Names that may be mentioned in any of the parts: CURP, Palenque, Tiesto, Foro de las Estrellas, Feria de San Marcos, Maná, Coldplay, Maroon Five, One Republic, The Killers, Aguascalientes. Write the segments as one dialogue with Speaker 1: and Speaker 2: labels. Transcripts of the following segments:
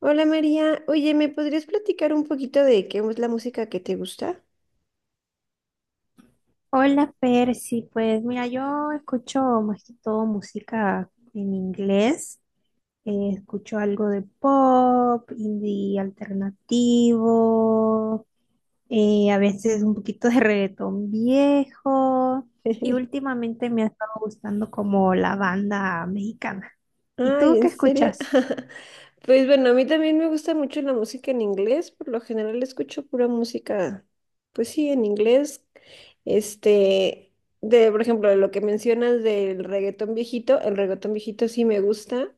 Speaker 1: Hola María, oye, ¿me podrías platicar un poquito de qué es la música que te gusta?
Speaker 2: Hola Percy, pues mira, yo escucho más que todo música en inglés. Escucho algo de pop, indie alternativo, a veces un poquito de reggaetón viejo y últimamente me ha estado gustando como la banda mexicana. ¿Y
Speaker 1: Ay,
Speaker 2: tú
Speaker 1: ¿en
Speaker 2: qué
Speaker 1: serio?
Speaker 2: escuchas?
Speaker 1: Pues bueno, a mí también me gusta mucho la música en inglés. Por lo general escucho pura música, pues sí, en inglés. Este, de, por ejemplo, lo que mencionas del reggaetón viejito, el reggaetón viejito sí me gusta,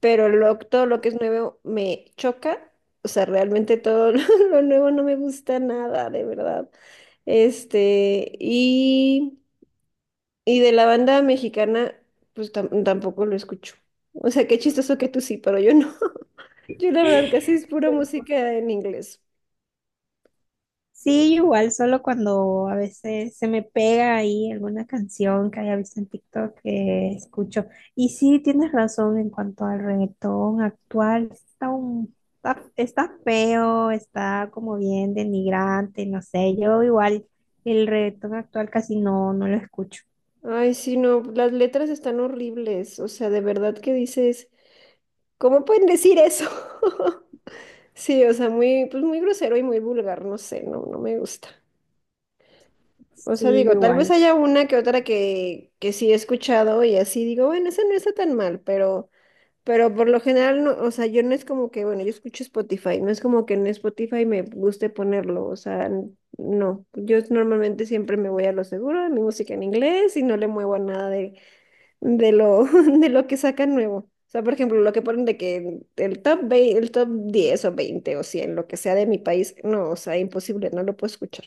Speaker 1: pero todo lo que es nuevo me choca. O sea, realmente todo lo nuevo no me gusta nada, de verdad. Este, y... Y de la banda mexicana, pues tampoco lo escucho. O sea, qué chistoso que tú sí, pero yo no. Yo la verdad casi es pura música en inglés.
Speaker 2: Sí, igual, solo cuando a veces se me pega ahí alguna canción que haya visto en TikTok que escucho. Y sí, tienes razón en cuanto al reggaetón actual. Está feo, está como bien denigrante, no sé. Yo igual el reggaetón actual casi no, no lo escucho.
Speaker 1: Ay, sí, no, las letras están horribles. O sea, de verdad que dices, ¿cómo pueden decir eso? Sí, o sea, muy, pues muy grosero y muy vulgar, no sé, no, no me gusta. O sea,
Speaker 2: Sí,
Speaker 1: digo, tal vez
Speaker 2: igual.
Speaker 1: haya una que otra que sí he escuchado y así digo, bueno, esa no está tan mal, pero por lo general, no, o sea, yo no es como que, bueno, yo escucho Spotify, no es como que en Spotify me guste ponerlo, o sea, no, yo normalmente siempre me voy a lo seguro, mi música en inglés y no le muevo a nada de, de lo, de lo que sacan nuevo. O sea, por ejemplo, lo que ponen de que el top 20, el top 10 o 20 o 100, lo que sea de mi país, no, o sea, imposible, no lo puedo escuchar.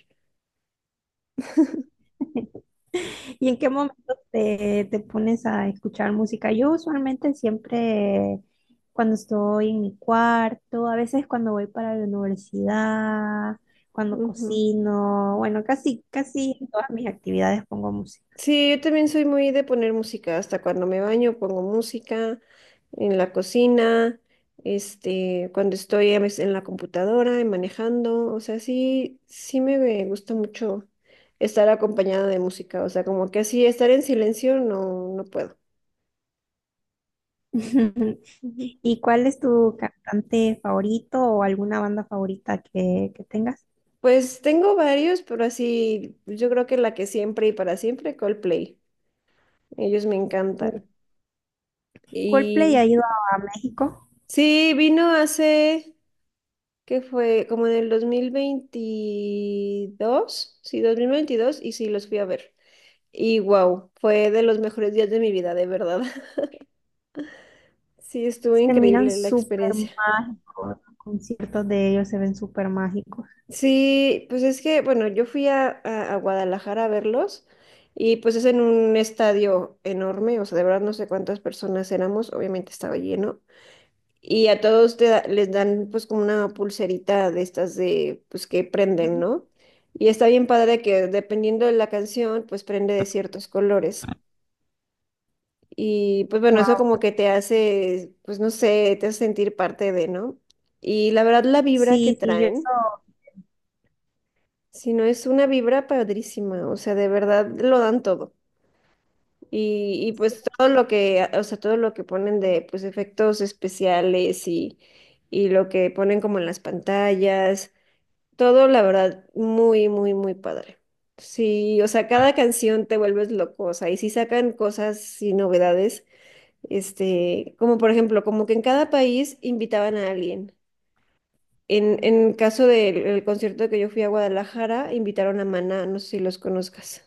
Speaker 2: ¿Y en qué momento te, te pones a escuchar música? Yo usualmente siempre cuando estoy en mi cuarto, a veces cuando voy para la universidad, cuando
Speaker 1: Ujú.
Speaker 2: cocino, bueno, casi en todas mis actividades pongo música.
Speaker 1: Sí, yo también soy muy de poner música, hasta cuando me baño pongo música, en la cocina, cuando estoy a veces en la computadora y manejando. O sea, sí, sí me gusta mucho estar acompañada de música, o sea, como que así estar en silencio no, no puedo. Ujú.
Speaker 2: ¿Y cuál es tu cantante favorito o alguna banda favorita que tengas?
Speaker 1: Pues tengo varios, pero así, yo creo que la que siempre y para siempre, Coldplay, ellos me
Speaker 2: Uh,
Speaker 1: encantan.
Speaker 2: Coldplay ha
Speaker 1: Y
Speaker 2: ido a México.
Speaker 1: sí, vino hace... que fue como en el 2022, sí, 2022, y sí, los fui a ver. Y wow, fue de los mejores días de mi vida, de verdad. Sí, estuvo
Speaker 2: Se miran
Speaker 1: increíble la
Speaker 2: súper
Speaker 1: experiencia.
Speaker 2: mágicos. Los conciertos de ellos se ven súper mágicos.
Speaker 1: Sí, pues es que, bueno, yo fui a, a Guadalajara a verlos, y pues es en un estadio enorme, o sea, de verdad no sé cuántas personas éramos, obviamente estaba lleno. Y a todos les dan pues como una pulserita de estas de pues que prenden, ¿no? Y está bien padre que dependiendo de la canción pues prende de ciertos colores. Y pues bueno, eso
Speaker 2: Wow.
Speaker 1: como que te hace pues no sé, te hace sentir parte de, ¿no? Y la verdad la vibra que
Speaker 2: Sí, sí, yo eso-
Speaker 1: traen, si no es una vibra padrísima, o sea, de verdad lo dan todo. Y pues todo lo que, o sea, todo lo que ponen de pues efectos especiales y lo que ponen como en las pantallas. Todo, la verdad, muy, muy, muy padre. Sí, o sea, cada canción te vuelves loco, o sea, y si sacan cosas y novedades, como por ejemplo, como que en cada país invitaban a alguien. En caso del el concierto que yo fui a Guadalajara, invitaron a Maná, no sé si los conozcas.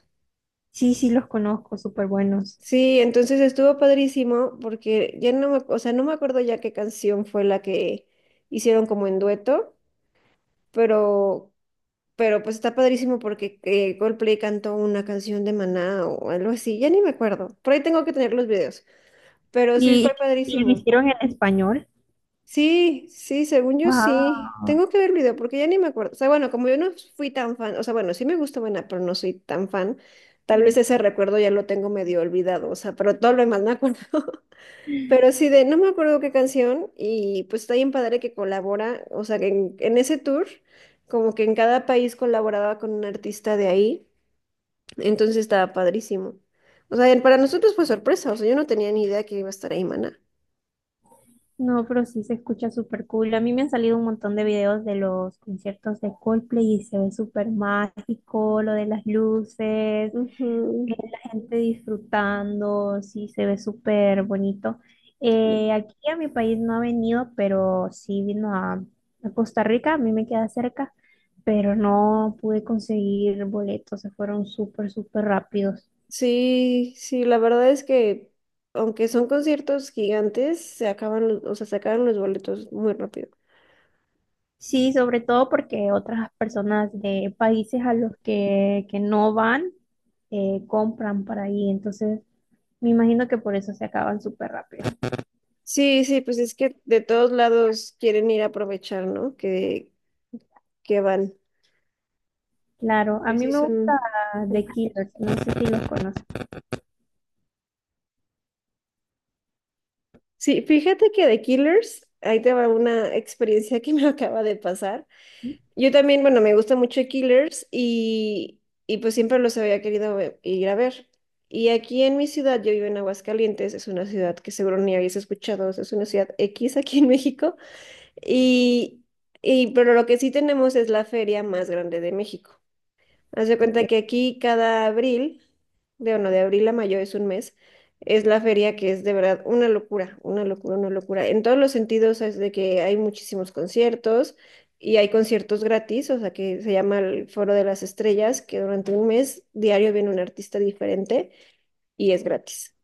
Speaker 2: sí, sí los conozco, súper buenos.
Speaker 1: Sí, entonces estuvo padrísimo porque ya no me, o sea, no me acuerdo ya qué canción fue la que hicieron como en dueto, pero Pero pues está padrísimo porque Coldplay cantó una canción de Maná o algo así, ya ni me acuerdo. Por ahí tengo que tener los videos, pero sí fue
Speaker 2: Y, y lo
Speaker 1: padrísimo.
Speaker 2: hicieron en español.
Speaker 1: Sí, sí, según yo sí.
Speaker 2: Wow.
Speaker 1: Tengo que ver el video porque ya ni me acuerdo. O sea, bueno, como yo no fui tan fan, o sea, bueno, sí me gusta Maná, pero no soy tan fan. Tal vez ese recuerdo ya lo tengo medio olvidado, o sea, pero todo lo demás me acuerdo. Pero sí, de no me acuerdo qué canción, y pues está bien padre que colabora, o sea, que en ese tour, como que en cada país colaboraba con un artista de ahí. Entonces estaba padrísimo. O sea, para nosotros fue sorpresa, o sea, yo no tenía ni idea que iba a estar ahí Maná.
Speaker 2: No, pero sí se escucha súper cool. A mí me han salido un montón de videos de los conciertos de Coldplay y se ve súper mágico, lo de las luces,
Speaker 1: Ujú.
Speaker 2: la gente disfrutando, sí se ve súper bonito.
Speaker 1: Sí,
Speaker 2: Aquí a mi país no ha venido, pero sí vino a Costa Rica, a mí me queda cerca, pero no pude conseguir boletos, se fueron súper, súper rápidos.
Speaker 1: sí, sí, la verdad es que aunque son conciertos gigantes, se acaban los, o sea, se acaban los boletos muy rápido.
Speaker 2: Sí, sobre todo porque otras personas de países que no van compran para ahí, entonces me imagino que por eso se acaban súper rápido.
Speaker 1: Sí, sí, pues es que de todos lados quieren ir a aprovechar, ¿no? Que van.
Speaker 2: Claro, a
Speaker 1: Que
Speaker 2: mí
Speaker 1: sí
Speaker 2: me
Speaker 1: son.
Speaker 2: gusta The Killers, no sé si los conoces.
Speaker 1: Sí, fíjate que de Killers, ahí te va una experiencia que me acaba de pasar. Yo también, bueno, me gusta mucho Killers, y pues siempre los había querido ir a ver. Y aquí en mi ciudad, yo vivo en Aguascalientes, es una ciudad que seguro ni habéis escuchado, es una ciudad X aquí en México. Y, y pero lo que sí tenemos es la feria más grande de México. Haz de
Speaker 2: Ok.
Speaker 1: cuenta que aquí cada abril, de bueno, de abril a mayo, es un mes, es la feria, que es de verdad una locura, una locura, una locura. En todos los sentidos, es de que hay muchísimos conciertos y hay conciertos gratis, o sea que se llama el Foro de las Estrellas, que durante un mes diario viene un artista diferente y es gratis.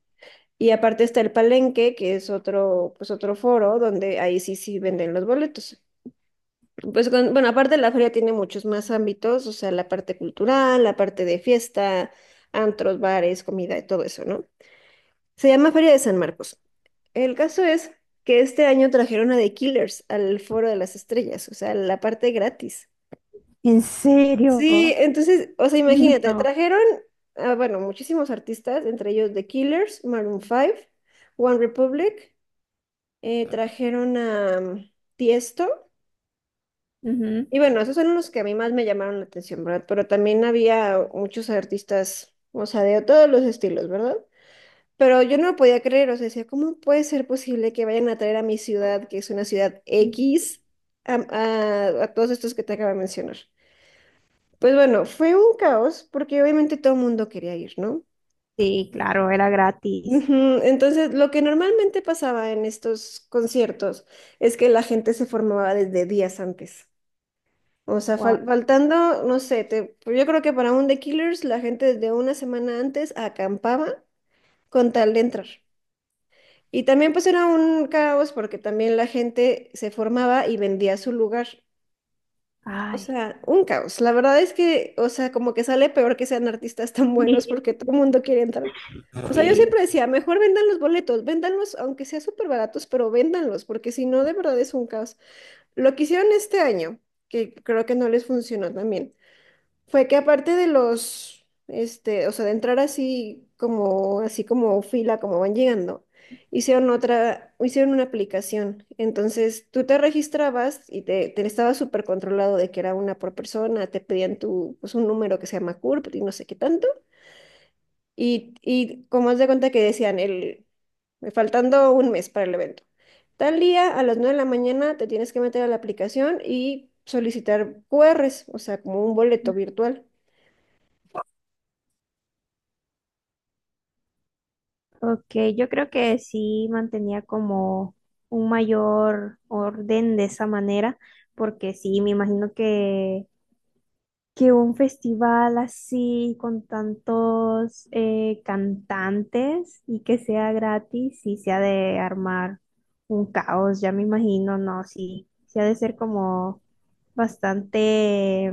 Speaker 1: Y aparte está el Palenque, que es otro, pues otro foro donde ahí sí sí venden los boletos. Pues bueno, aparte la feria tiene muchos más ámbitos, o sea, la parte cultural, la parte de fiesta, antros, bares, comida y todo eso, ¿no? Se llama Feria de San Marcos. El caso es que este año trajeron a The Killers al Foro de las Estrellas, o sea, la parte gratis.
Speaker 2: ¿En serio?
Speaker 1: Sí, entonces, o sea, imagínate,
Speaker 2: No.
Speaker 1: trajeron, ah, bueno, muchísimos artistas, entre ellos The Killers, Maroon Five, One Republic, trajeron a Tiesto.
Speaker 2: Ujú.
Speaker 1: Y bueno, esos son los que a mí más me llamaron la atención, ¿verdad? Pero también había muchos artistas, o sea, de todos los estilos, ¿verdad? Pero yo no lo podía creer, o sea, decía, ¿cómo puede ser posible que vayan a traer a mi ciudad, que es una ciudad X, a, a todos estos que te acabo de mencionar? Pues bueno, fue un caos porque obviamente todo el mundo quería ir, ¿no?
Speaker 2: Sí, claro, era gratis.
Speaker 1: Ujú. Entonces, lo que normalmente pasaba en estos conciertos es que la gente se formaba desde días antes. O sea,
Speaker 2: Guau.
Speaker 1: faltando, no sé, pues yo creo que para un The Killers la gente desde una semana antes acampaba con tal de entrar. Y también pues era un caos porque también la gente se formaba y vendía su lugar. O
Speaker 2: Ay,
Speaker 1: sea, un caos. La verdad es que, o sea, como que sale peor que sean artistas tan buenos porque todo el mundo quiere entrar. O sea, yo
Speaker 2: sí.
Speaker 1: siempre decía, mejor vendan los boletos, véndanlos aunque sea súper baratos, pero véndanlos, porque si no, de verdad es un caos. Lo que hicieron este año, que creo que no les funcionó también, fue que aparte de los, o sea, de entrar así como fila, como van llegando, hicieron otra, hicieron una aplicación. Entonces tú te registrabas y te estaba súper controlado de que era una por persona, te pedían tu, pues un número que se llama CURP y no sé qué tanto. Y como haz de cuenta que decían, faltando un mes para el evento, tal día a las 9 de la mañana te tienes que meter a la aplicación y solicitar QRs, o sea, como un boleto virtual.
Speaker 2: Ok, yo creo que sí mantenía como un mayor orden de esa manera, porque sí, me imagino que un festival así con tantos cantantes y que sea gratis, sí se ha de armar un caos, ya me imagino, no, sí, sí ha de ser como bastante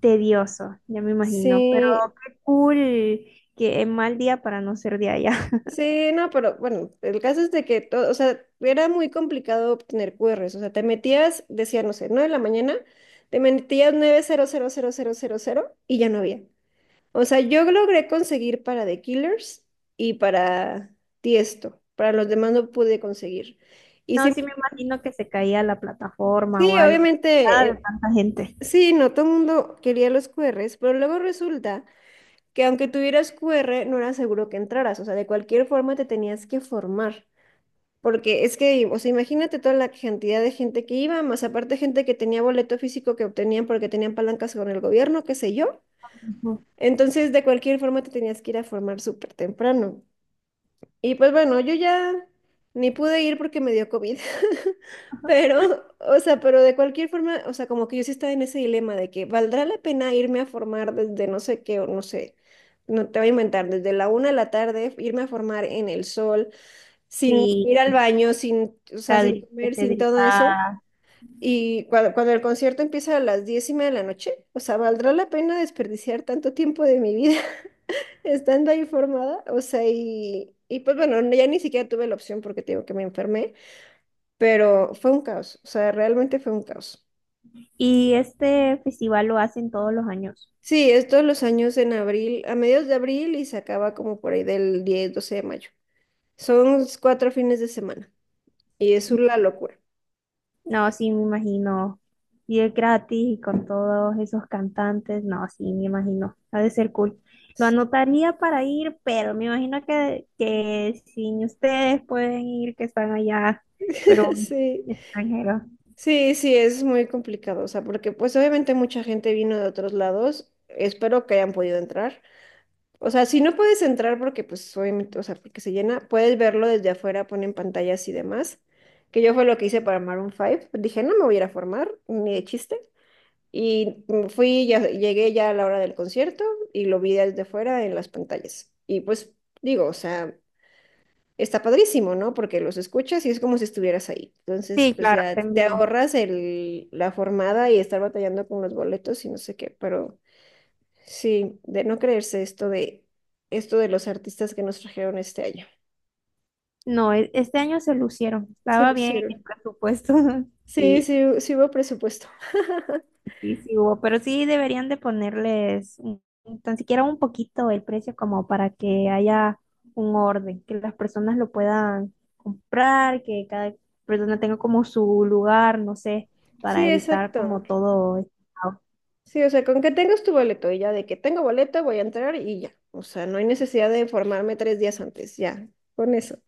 Speaker 2: tedioso, ya me imagino, pero
Speaker 1: Sí,
Speaker 2: qué cool, qué mal día para no ser de allá.
Speaker 1: sí, no, pero bueno, el caso es de que todo, o sea, era muy complicado obtener QRs, o sea, te metías, decía, no sé, 9 de la mañana, te metías 9:00:00:00 y ya no había. O sea, yo logré conseguir para The Killers y para Tiesto, para los demás no pude conseguir. Y
Speaker 2: No,
Speaker 1: sí,
Speaker 2: sí me imagino que se caía la plataforma
Speaker 1: sí,
Speaker 2: o algo.
Speaker 1: obviamente,
Speaker 2: Nada de tanta gente.
Speaker 1: sí, no, todo el mundo quería los QRs, pero luego resulta que aunque tuvieras QR, no era seguro que entraras, o sea, de cualquier forma te tenías que formar. Porque es que, o sea, imagínate toda la cantidad de gente que iba, más aparte gente que tenía boleto físico que obtenían porque tenían palancas con el gobierno, qué sé yo.
Speaker 2: Ujú.
Speaker 1: Entonces, de cualquier forma, te tenías que ir a formar súper temprano. Y pues bueno, yo ya ni pude ir porque me dio COVID. Pero, o sea, pero de cualquier forma, o sea, como que yo sí estaba en ese dilema de que valdrá la pena irme a formar desde no sé qué, o no sé, no te voy a inventar, desde la 1 de la tarde, irme a formar en el sol sin
Speaker 2: Sí,
Speaker 1: ir al baño, sin, o sea,
Speaker 2: está
Speaker 1: sin
Speaker 2: gri- que
Speaker 1: comer,
Speaker 2: se
Speaker 1: sin todo eso.
Speaker 2: gritaba.
Speaker 1: Y cuando, cuando el concierto empieza a las 10:30 de la noche, o sea, ¿valdrá la pena desperdiciar tanto tiempo de mi vida estando ahí formada? O sea, y pues bueno, ya ni siquiera tuve la opción porque te digo que me enfermé, pero fue un caos, o sea, realmente fue un caos.
Speaker 2: ¿Y este festival lo hacen todos los años?
Speaker 1: Sí, es todos los años en abril, a mediados de abril, y se acaba como por ahí del 10, 12 de mayo. Son 4 fines de semana y es una locura.
Speaker 2: No, sí me imagino. Y es gratis y con todos esos cantantes. No, sí me imagino. Ha de ser cool. Lo anotaría para ir, pero me imagino que sin ustedes pueden ir, que están allá, pero
Speaker 1: Sí.
Speaker 2: extranjeros.
Speaker 1: Sí, sí, es muy complicado, o sea, porque pues obviamente mucha gente vino de otros lados, espero que hayan podido entrar. O sea, si no puedes entrar porque pues obviamente, o sea, porque se llena, puedes verlo desde afuera, ponen pantallas y demás, que yo fue lo que hice para Maroon Five. Dije, no me voy a ir a formar, ni de chiste, y fui, ya, llegué ya a la hora del concierto y lo vi desde afuera en las pantallas. Y pues digo, o sea, está padrísimo, ¿no? Porque los escuchas y es como si estuvieras ahí. Entonces,
Speaker 2: Sí,
Speaker 1: pues
Speaker 2: claro,
Speaker 1: ya
Speaker 2: está en
Speaker 1: te
Speaker 2: vivo.
Speaker 1: ahorras el, la formada y estar batallando con los boletos y no sé qué, pero sí, de no creerse esto de los artistas que nos trajeron este año.
Speaker 2: No, e- este año se lucieron,
Speaker 1: Se
Speaker 2: estaba bien el
Speaker 1: lucieron.
Speaker 2: presupuesto,
Speaker 1: Sí,
Speaker 2: sí,
Speaker 1: sí, sí hubo presupuesto.
Speaker 2: sí, sí hubo, pero sí deberían de ponerles tan siquiera un poquito el precio como para que haya un orden, que las personas lo puedan comprar, que cada persona tenga como su lugar, no sé, para
Speaker 1: Sí,
Speaker 2: evitar
Speaker 1: exacto.
Speaker 2: como todo este caos.
Speaker 1: Sí, o sea, con que tengas tu boleto y ya de que tengo boleto voy a entrar y ya. O sea, no hay necesidad de informarme tres días antes, ya, con eso.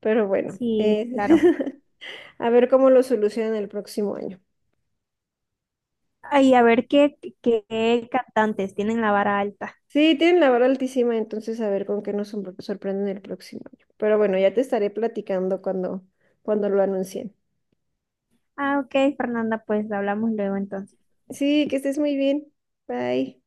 Speaker 1: Pero bueno,
Speaker 2: Sí, claro.
Speaker 1: a ver cómo lo solucionan el próximo año.
Speaker 2: Ay, a ver qué, qué cantantes tienen la vara alta.
Speaker 1: Sí, tienen la vara altísima, entonces a ver con qué nos sorprenden el próximo año. Pero bueno, ya te estaré platicando cuando, cuando lo anuncien.
Speaker 2: Ah, ok, Fernanda, pues hablamos luego entonces.
Speaker 1: Sí, que estés muy bien. Bye.